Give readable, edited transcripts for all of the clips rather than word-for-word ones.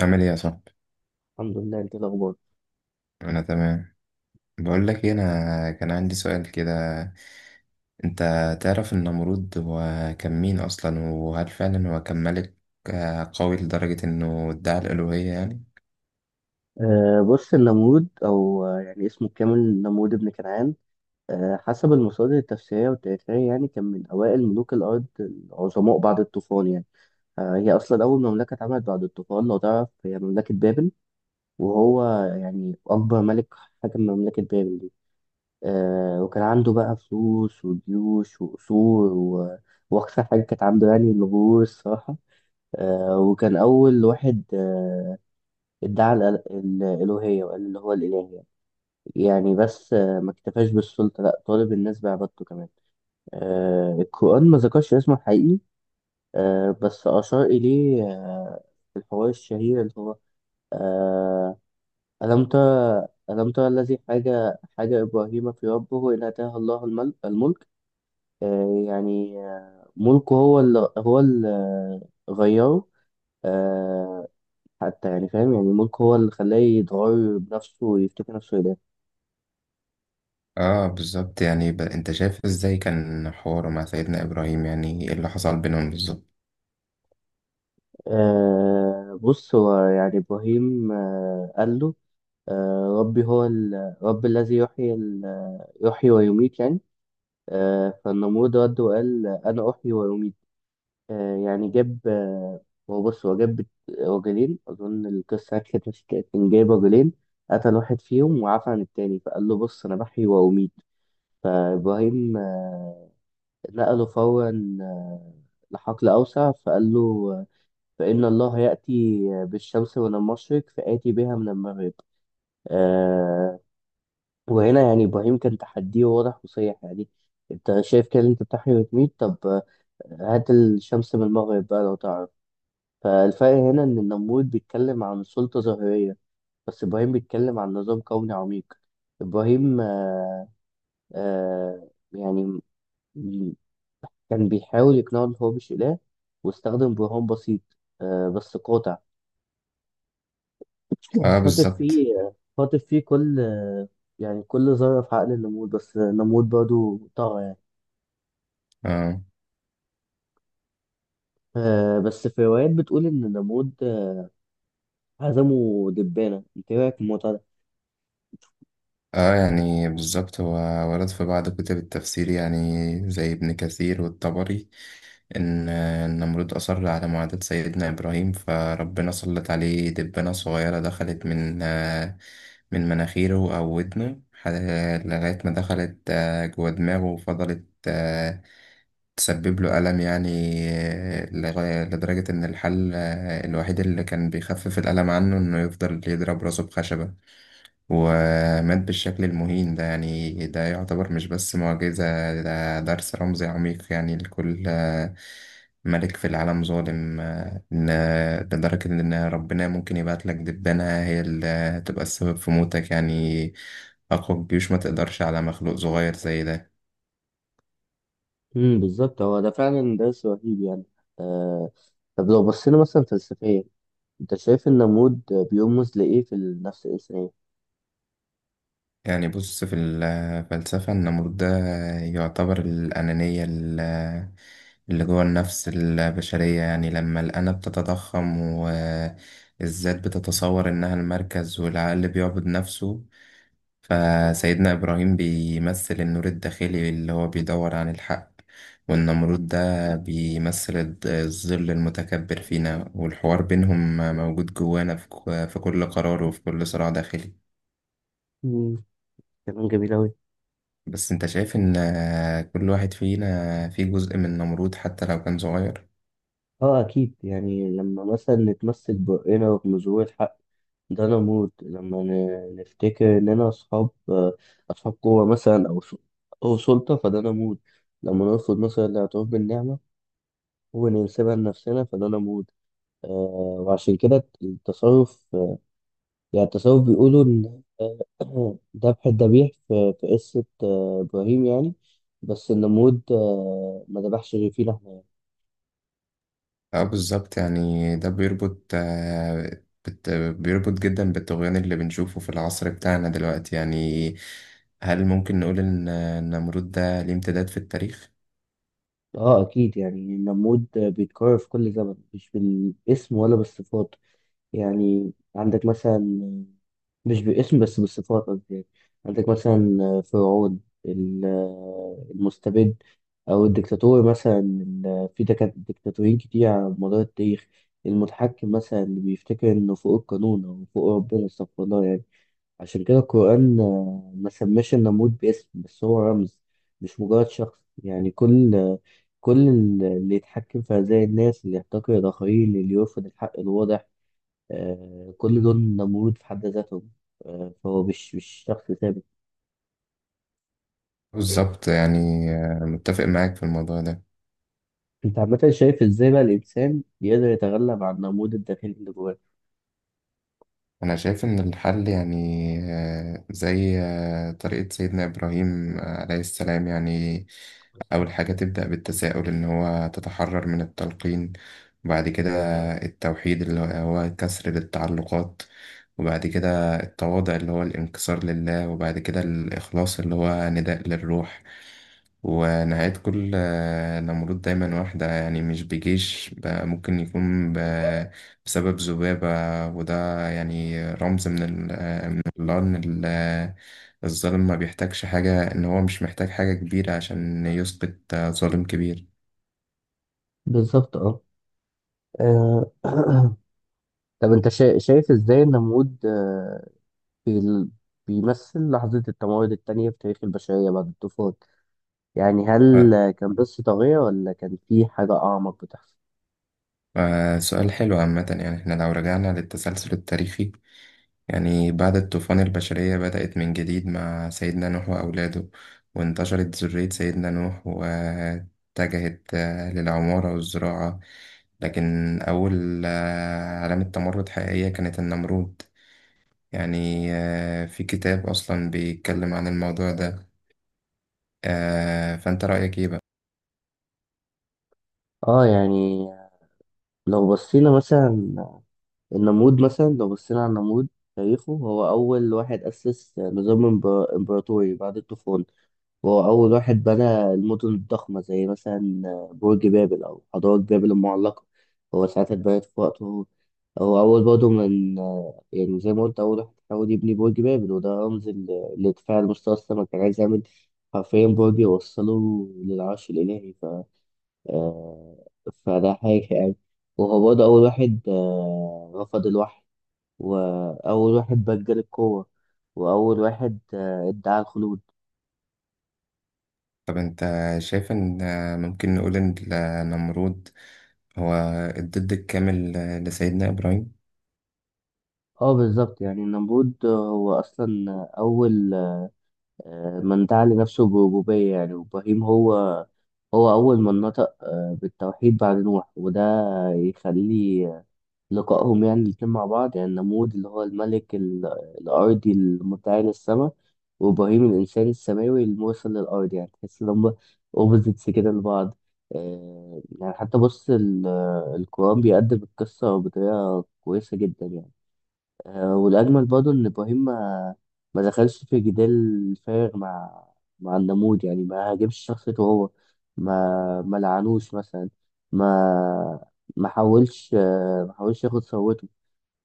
عامل ايه يا صاحبي. الحمد لله، انت ايه الاخبار؟ انا تمام. بقول لك إيه، انا كان عندي سؤال كده. انت تعرف النمرود هو كان مين اصلا، وهل فعلا هو كان ملك قوي لدرجة انه ادعى الالوهية يعني؟ بص النمرود او يعني اسمه الكامل نمرود بن كنعان. حسب المصادر التفسيريه والتاريخيه كان من اوائل ملوك الارض العظماء بعد الطوفان يعني. هي اصلا اول مملكه اتعملت بعد الطوفان، لو تعرف، هي مملكه بابل. وهو يعني اكبر ملك حكم مملكه بابل دي. وكان عنده بقى فلوس وجيوش وقصور، و... واكثر حاجه كانت عنده يعني الغرور الصراحه. وكان اول واحد ادعى الالوهيه وقال اللي هو الاله يعني. بس ما اكتفاش بالسلطه، لا طالب الناس بعبادته كمان. آه، القران ما ذكرش اسمه الحقيقي، آه، بس اشار اليه، في الحوار الشهير اللي هو آه، الم ترى، الم ترى الذي حاجه ابراهيم في ربه ان اتاه الله الملك. آه، يعني آه، ملكه هو اللي غيره، آه، حتى يعني فاهم، يعني ملكه هو اللي خلاه يتغير بنفسه ويفتكر نفسه إله. اه بالظبط. يعني انت شايف ازاي كان حواره مع سيدنا ابراهيم، يعني ايه اللي حصل بينهم بالظبط؟ بص، هو يعني إبراهيم قال له ربي هو ال، رب الذي يحيي ال، يحيي ويميت يعني. فالنمرود رد وقال أنا أحيي ويميت. آه يعني جاب آه هو بص، هو جاب رجلين. أظن القصة كانت ماشية كده، كان جايب رجلين، قتل واحد فيهم وعفى عن التاني، فقال له بص أنا بحيي وأميت. فإبراهيم نقله فورا لحقل أوسع فقال له فإن الله يأتي بالشمس من المشرق فآتي بها من المغرب. آه، وهنا يعني إبراهيم كان تحديه واضح وصريح يعني. أنت شايف كده إن أنت بتحيي وتميت؟ طب آه، هات الشمس من المغرب بقى لو تعرف. فالفرق هنا إن النمرود بيتكلم عن سلطة ظاهرية، بس إبراهيم بيتكلم عن نظام كوني عميق. إبراهيم آه آه يعني م- كان بيحاول يقنعه إن هو مش إله، واستخدم برهان بسيط، آه، بس قاطع. اه خاطف بالظبط. فيه خاطف فيه كل يعني كل ذرة في عقل النمود، بس النمود برضه طغى يعني. اه. آه، بس في روايات بتقول إن النمود عزمه دبانة. أنت إيه رأيك في الموضوع ده؟ اه يعني بالظبط، هو ورد في بعض كتب التفسير يعني زي ابن كثير والطبري، إن النمرود أصر على معاداة سيدنا إبراهيم، فربنا سلط عليه دبانة صغيرة دخلت من مناخيره أو ودنه لغاية ما دخلت جوه دماغه، وفضلت تسبب له ألم يعني. لغاية لدرجة إن الحل الوحيد اللي كان بيخفف الألم عنه، إنه يفضل يضرب راسه بخشبة، ومات بالشكل المهين ده. يعني ده يعتبر مش بس معجزة، ده درس رمزي عميق يعني لكل ملك في العالم ظالم، إن لدرجة إن ربنا ممكن يبعت لك دبانة هي اللي تبقى السبب في موتك يعني. أقوى الجيوش ما تقدرش على مخلوق صغير زي ده. بالظبط، هو ده فعلا درس رهيب يعني. آه، طب لو بصينا مثلا فلسفيا، أنت شايف النمود بيرمز لإيه في النفس الإنسانية؟ يعني بص، في الفلسفة النمرود ده يعتبر الأنانية اللي جوه النفس البشرية، يعني لما الأنا بتتضخم والذات بتتصور إنها المركز والعقل بيعبد نفسه. فسيدنا إبراهيم بيمثل النور الداخلي اللي هو بيدور عن الحق، والنمرود ده بيمثل الظل المتكبر فينا، والحوار بينهم موجود جوانا في في كل قرار وفي كل صراع داخلي. امم كلام جميل أوي. بس انت شايف ان، كل واحد فينا فيه جزء من نمرود حتى لو كان صغير؟ اه اكيد، يعني لما مثلا نتمسك برأينا وبنظهور الحق، ده انا موت. لما نفتكر اننا اصحاب قوه مثلا، او سلطه، فده انا موت. لما نرفض مثلا الاعتراف بالنعمه وننسبها لنفسنا، فده انا موت. وعشان كده التصرف، بيقولوا ان آه، ذبح الذبيح في قصه آه ابراهيم يعني. بس النمرود ما ذبحش غير فيه لحمه. اه بالظبط، يعني ده بيربط بيربط جدا بالطغيان اللي بنشوفه في العصر بتاعنا دلوقتي يعني. هل ممكن نقول ان النمرود ده ليه امتداد في التاريخ؟ اه اكيد، يعني النمود بيتكرر في كل زمن، مش بالاسم ولا بالصفات. يعني عندك مثلا، مش باسم بس بالصفات قصدي يعني. عندك مثلا فرعون، ال- المستبد، او الدكتاتور مثلا، في دكتاتورين كتير على مدار التاريخ. المتحكم مثلا اللي بيفتكر انه فوق القانون او فوق ربنا، استغفر الله يعني. عشان كده القرآن آه، ما سماش النمرود باسم، بس هو رمز، مش مجرد شخص يعني. كل آه، كل اللي يتحكم في أذى الناس، اللي يحتقر الآخرين، اللي يرفض الحق الواضح، آه، كل دول نمرود في حد ذاتهم. آه، فهو مش شخص ثابت. بالظبط، يعني متفق معاك في الموضوع ده. أنت عامة شايف إزاي بقى الإنسان يقدر يتغلب على النمرود الداخلي اللي جواه؟ أنا شايف إن الحل يعني زي طريقة سيدنا إبراهيم عليه السلام، يعني أول حاجة تبدأ بالتساؤل إن هو تتحرر من التلقين، وبعد كده التوحيد اللي هو كسر للتعلقات، وبعد كده التواضع اللي هو الانكسار لله، وبعد كده الإخلاص اللي هو نداء للروح. ونهاية كل نمرود دايما واحدة، يعني مش بجيش بقى، ممكن يكون بسبب ذبابة. وده يعني رمز من الله، إن الظالم ما بيحتاجش حاجة، إن هو مش محتاج حاجة كبيرة عشان يسقط ظالم كبير. بالظبط أه. آه، طب أنت شايف إزاي النمرود بال- بيمثل لحظة التمرد التانية في تاريخ البشرية بعد الطوفان؟ يعني هل ف- كان بس طاغية ولا كان في حاجة أعمق بتحصل؟ سؤال حلو عامة. يعني احنا لو رجعنا للتسلسل التاريخي، يعني بعد الطوفان البشرية بدأت من جديد مع سيدنا نوح وأولاده، وانتشرت ذرية سيدنا نوح واتجهت للعمارة والزراعة. لكن أول علامة تمرد حقيقية كانت النمرود. يعني في كتاب أصلا بيتكلم عن الموضوع ده. فأنت رأيك إيه بقى؟ آه يعني لو بصينا مثلا النمرود، مثلا لو بصينا على النمرود، تاريخه هو أول واحد أسس نظام إمبراطوري بعد الطوفان. وهو أول واحد بنى المدن الضخمة، زي مثلا برج بابل، أو حضارة بابل المعلقة هو ساعتها اتبنت في وقته. هو أول برضه من، يعني زي ما قلت، أول واحد حاول يبني برج بابل، وده رمز لارتفاع المستوى السما، كان عايز يعمل حرفيا برج يوصله للعرش الإلهي. ف آه، فده حاجة يعني. وهو برضه أول واحد آه، رفض الوحي، وأول واحد بجل القوة، وأول واحد آه، ادعى الخلود. طب أنت شايف إن ممكن نقول إن النمرود هو الضد الكامل لسيدنا إبراهيم؟ اه بالظبط، يعني النمرود هو اصلا اول آه، من دعا لنفسه بربوبية يعني. وابراهيم هو، هو اول من نطق آه، بالتوحيد بعد نوح، وده يخلي لقائهم يعني الاتنين مع بعض. يعني النمرود اللي هو الملك الارضي المدعي للسماء، وابراهيم الانسان السماوي المرسل للارض، يعني تحس ان هم اوبوزيتس كده لبعض. آه، يعني حتى بص القرآن بيقدم القصة بطريقة كويسة جدا يعني. آه، والأجمل برضه إن إبراهيم ما دخلش في جدال فارغ مع النمود يعني، ما هاجمش شخصيته هو، ما لعنوش مثلا، ما ما حاولش آه، ما حاولش ياخد ثروته.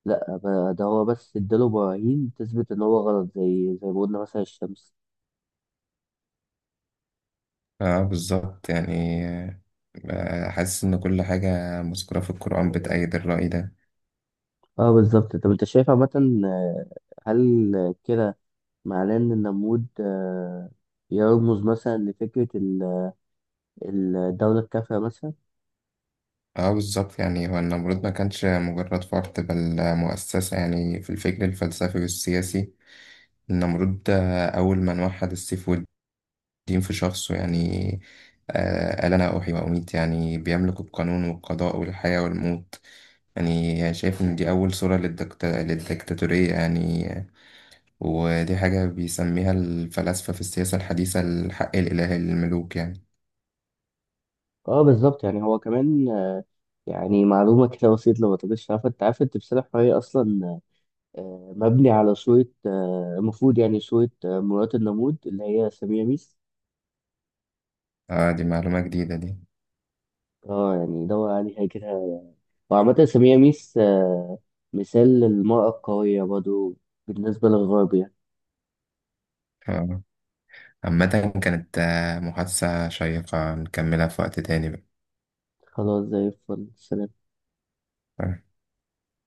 لا، ده هو بس اداله براهين تثبت إن هو غلط، زي ما قلنا مثلا الشمس. اه بالظبط. يعني حاسس ان كل حاجة مذكورة في القرآن بتأيد الرأي ده. اه بالظبط، طب انت شايف عامة آه، هل كده معناه إن النمود آه، يرمز مثلا لفكرة الدولة الكافية مثلا؟ اه بالظبط. يعني هو النمرود ما كانش مجرد فرد بل مؤسسة، يعني في الفكر الفلسفي والسياسي النمرود ده أول من وحد السيف والدين في شخصه. يعني قال أنا أحيي وأميت، يعني بيملك القانون والقضاء والحياة والموت. يعني شايف إن دي أول صورة للدكتاتورية يعني، ودي حاجة بيسميها الفلاسفة في السياسة الحديثة الحق الإلهي للملوك يعني. اه بالظبط، يعني هو كمان آه، يعني معلومة كده بسيطة لو ما تبقاش عارفة، انت عارف التمثال الحراري اصلا آه، مبني على صورة آه، المفروض يعني صورة آه، مرات النمود اللي هي سمية ميس. اه دي معلومة جديدة دي. اه يعني دور عليها كده. وعامة سمية ميس آه، مثال للمرأة القوية برضه بالنسبة للغرب يعني. اه عامة، كانت محادثة شيقة، نكملها في وقت تاني بقى. خلاص، زي الفل، سلام. آه.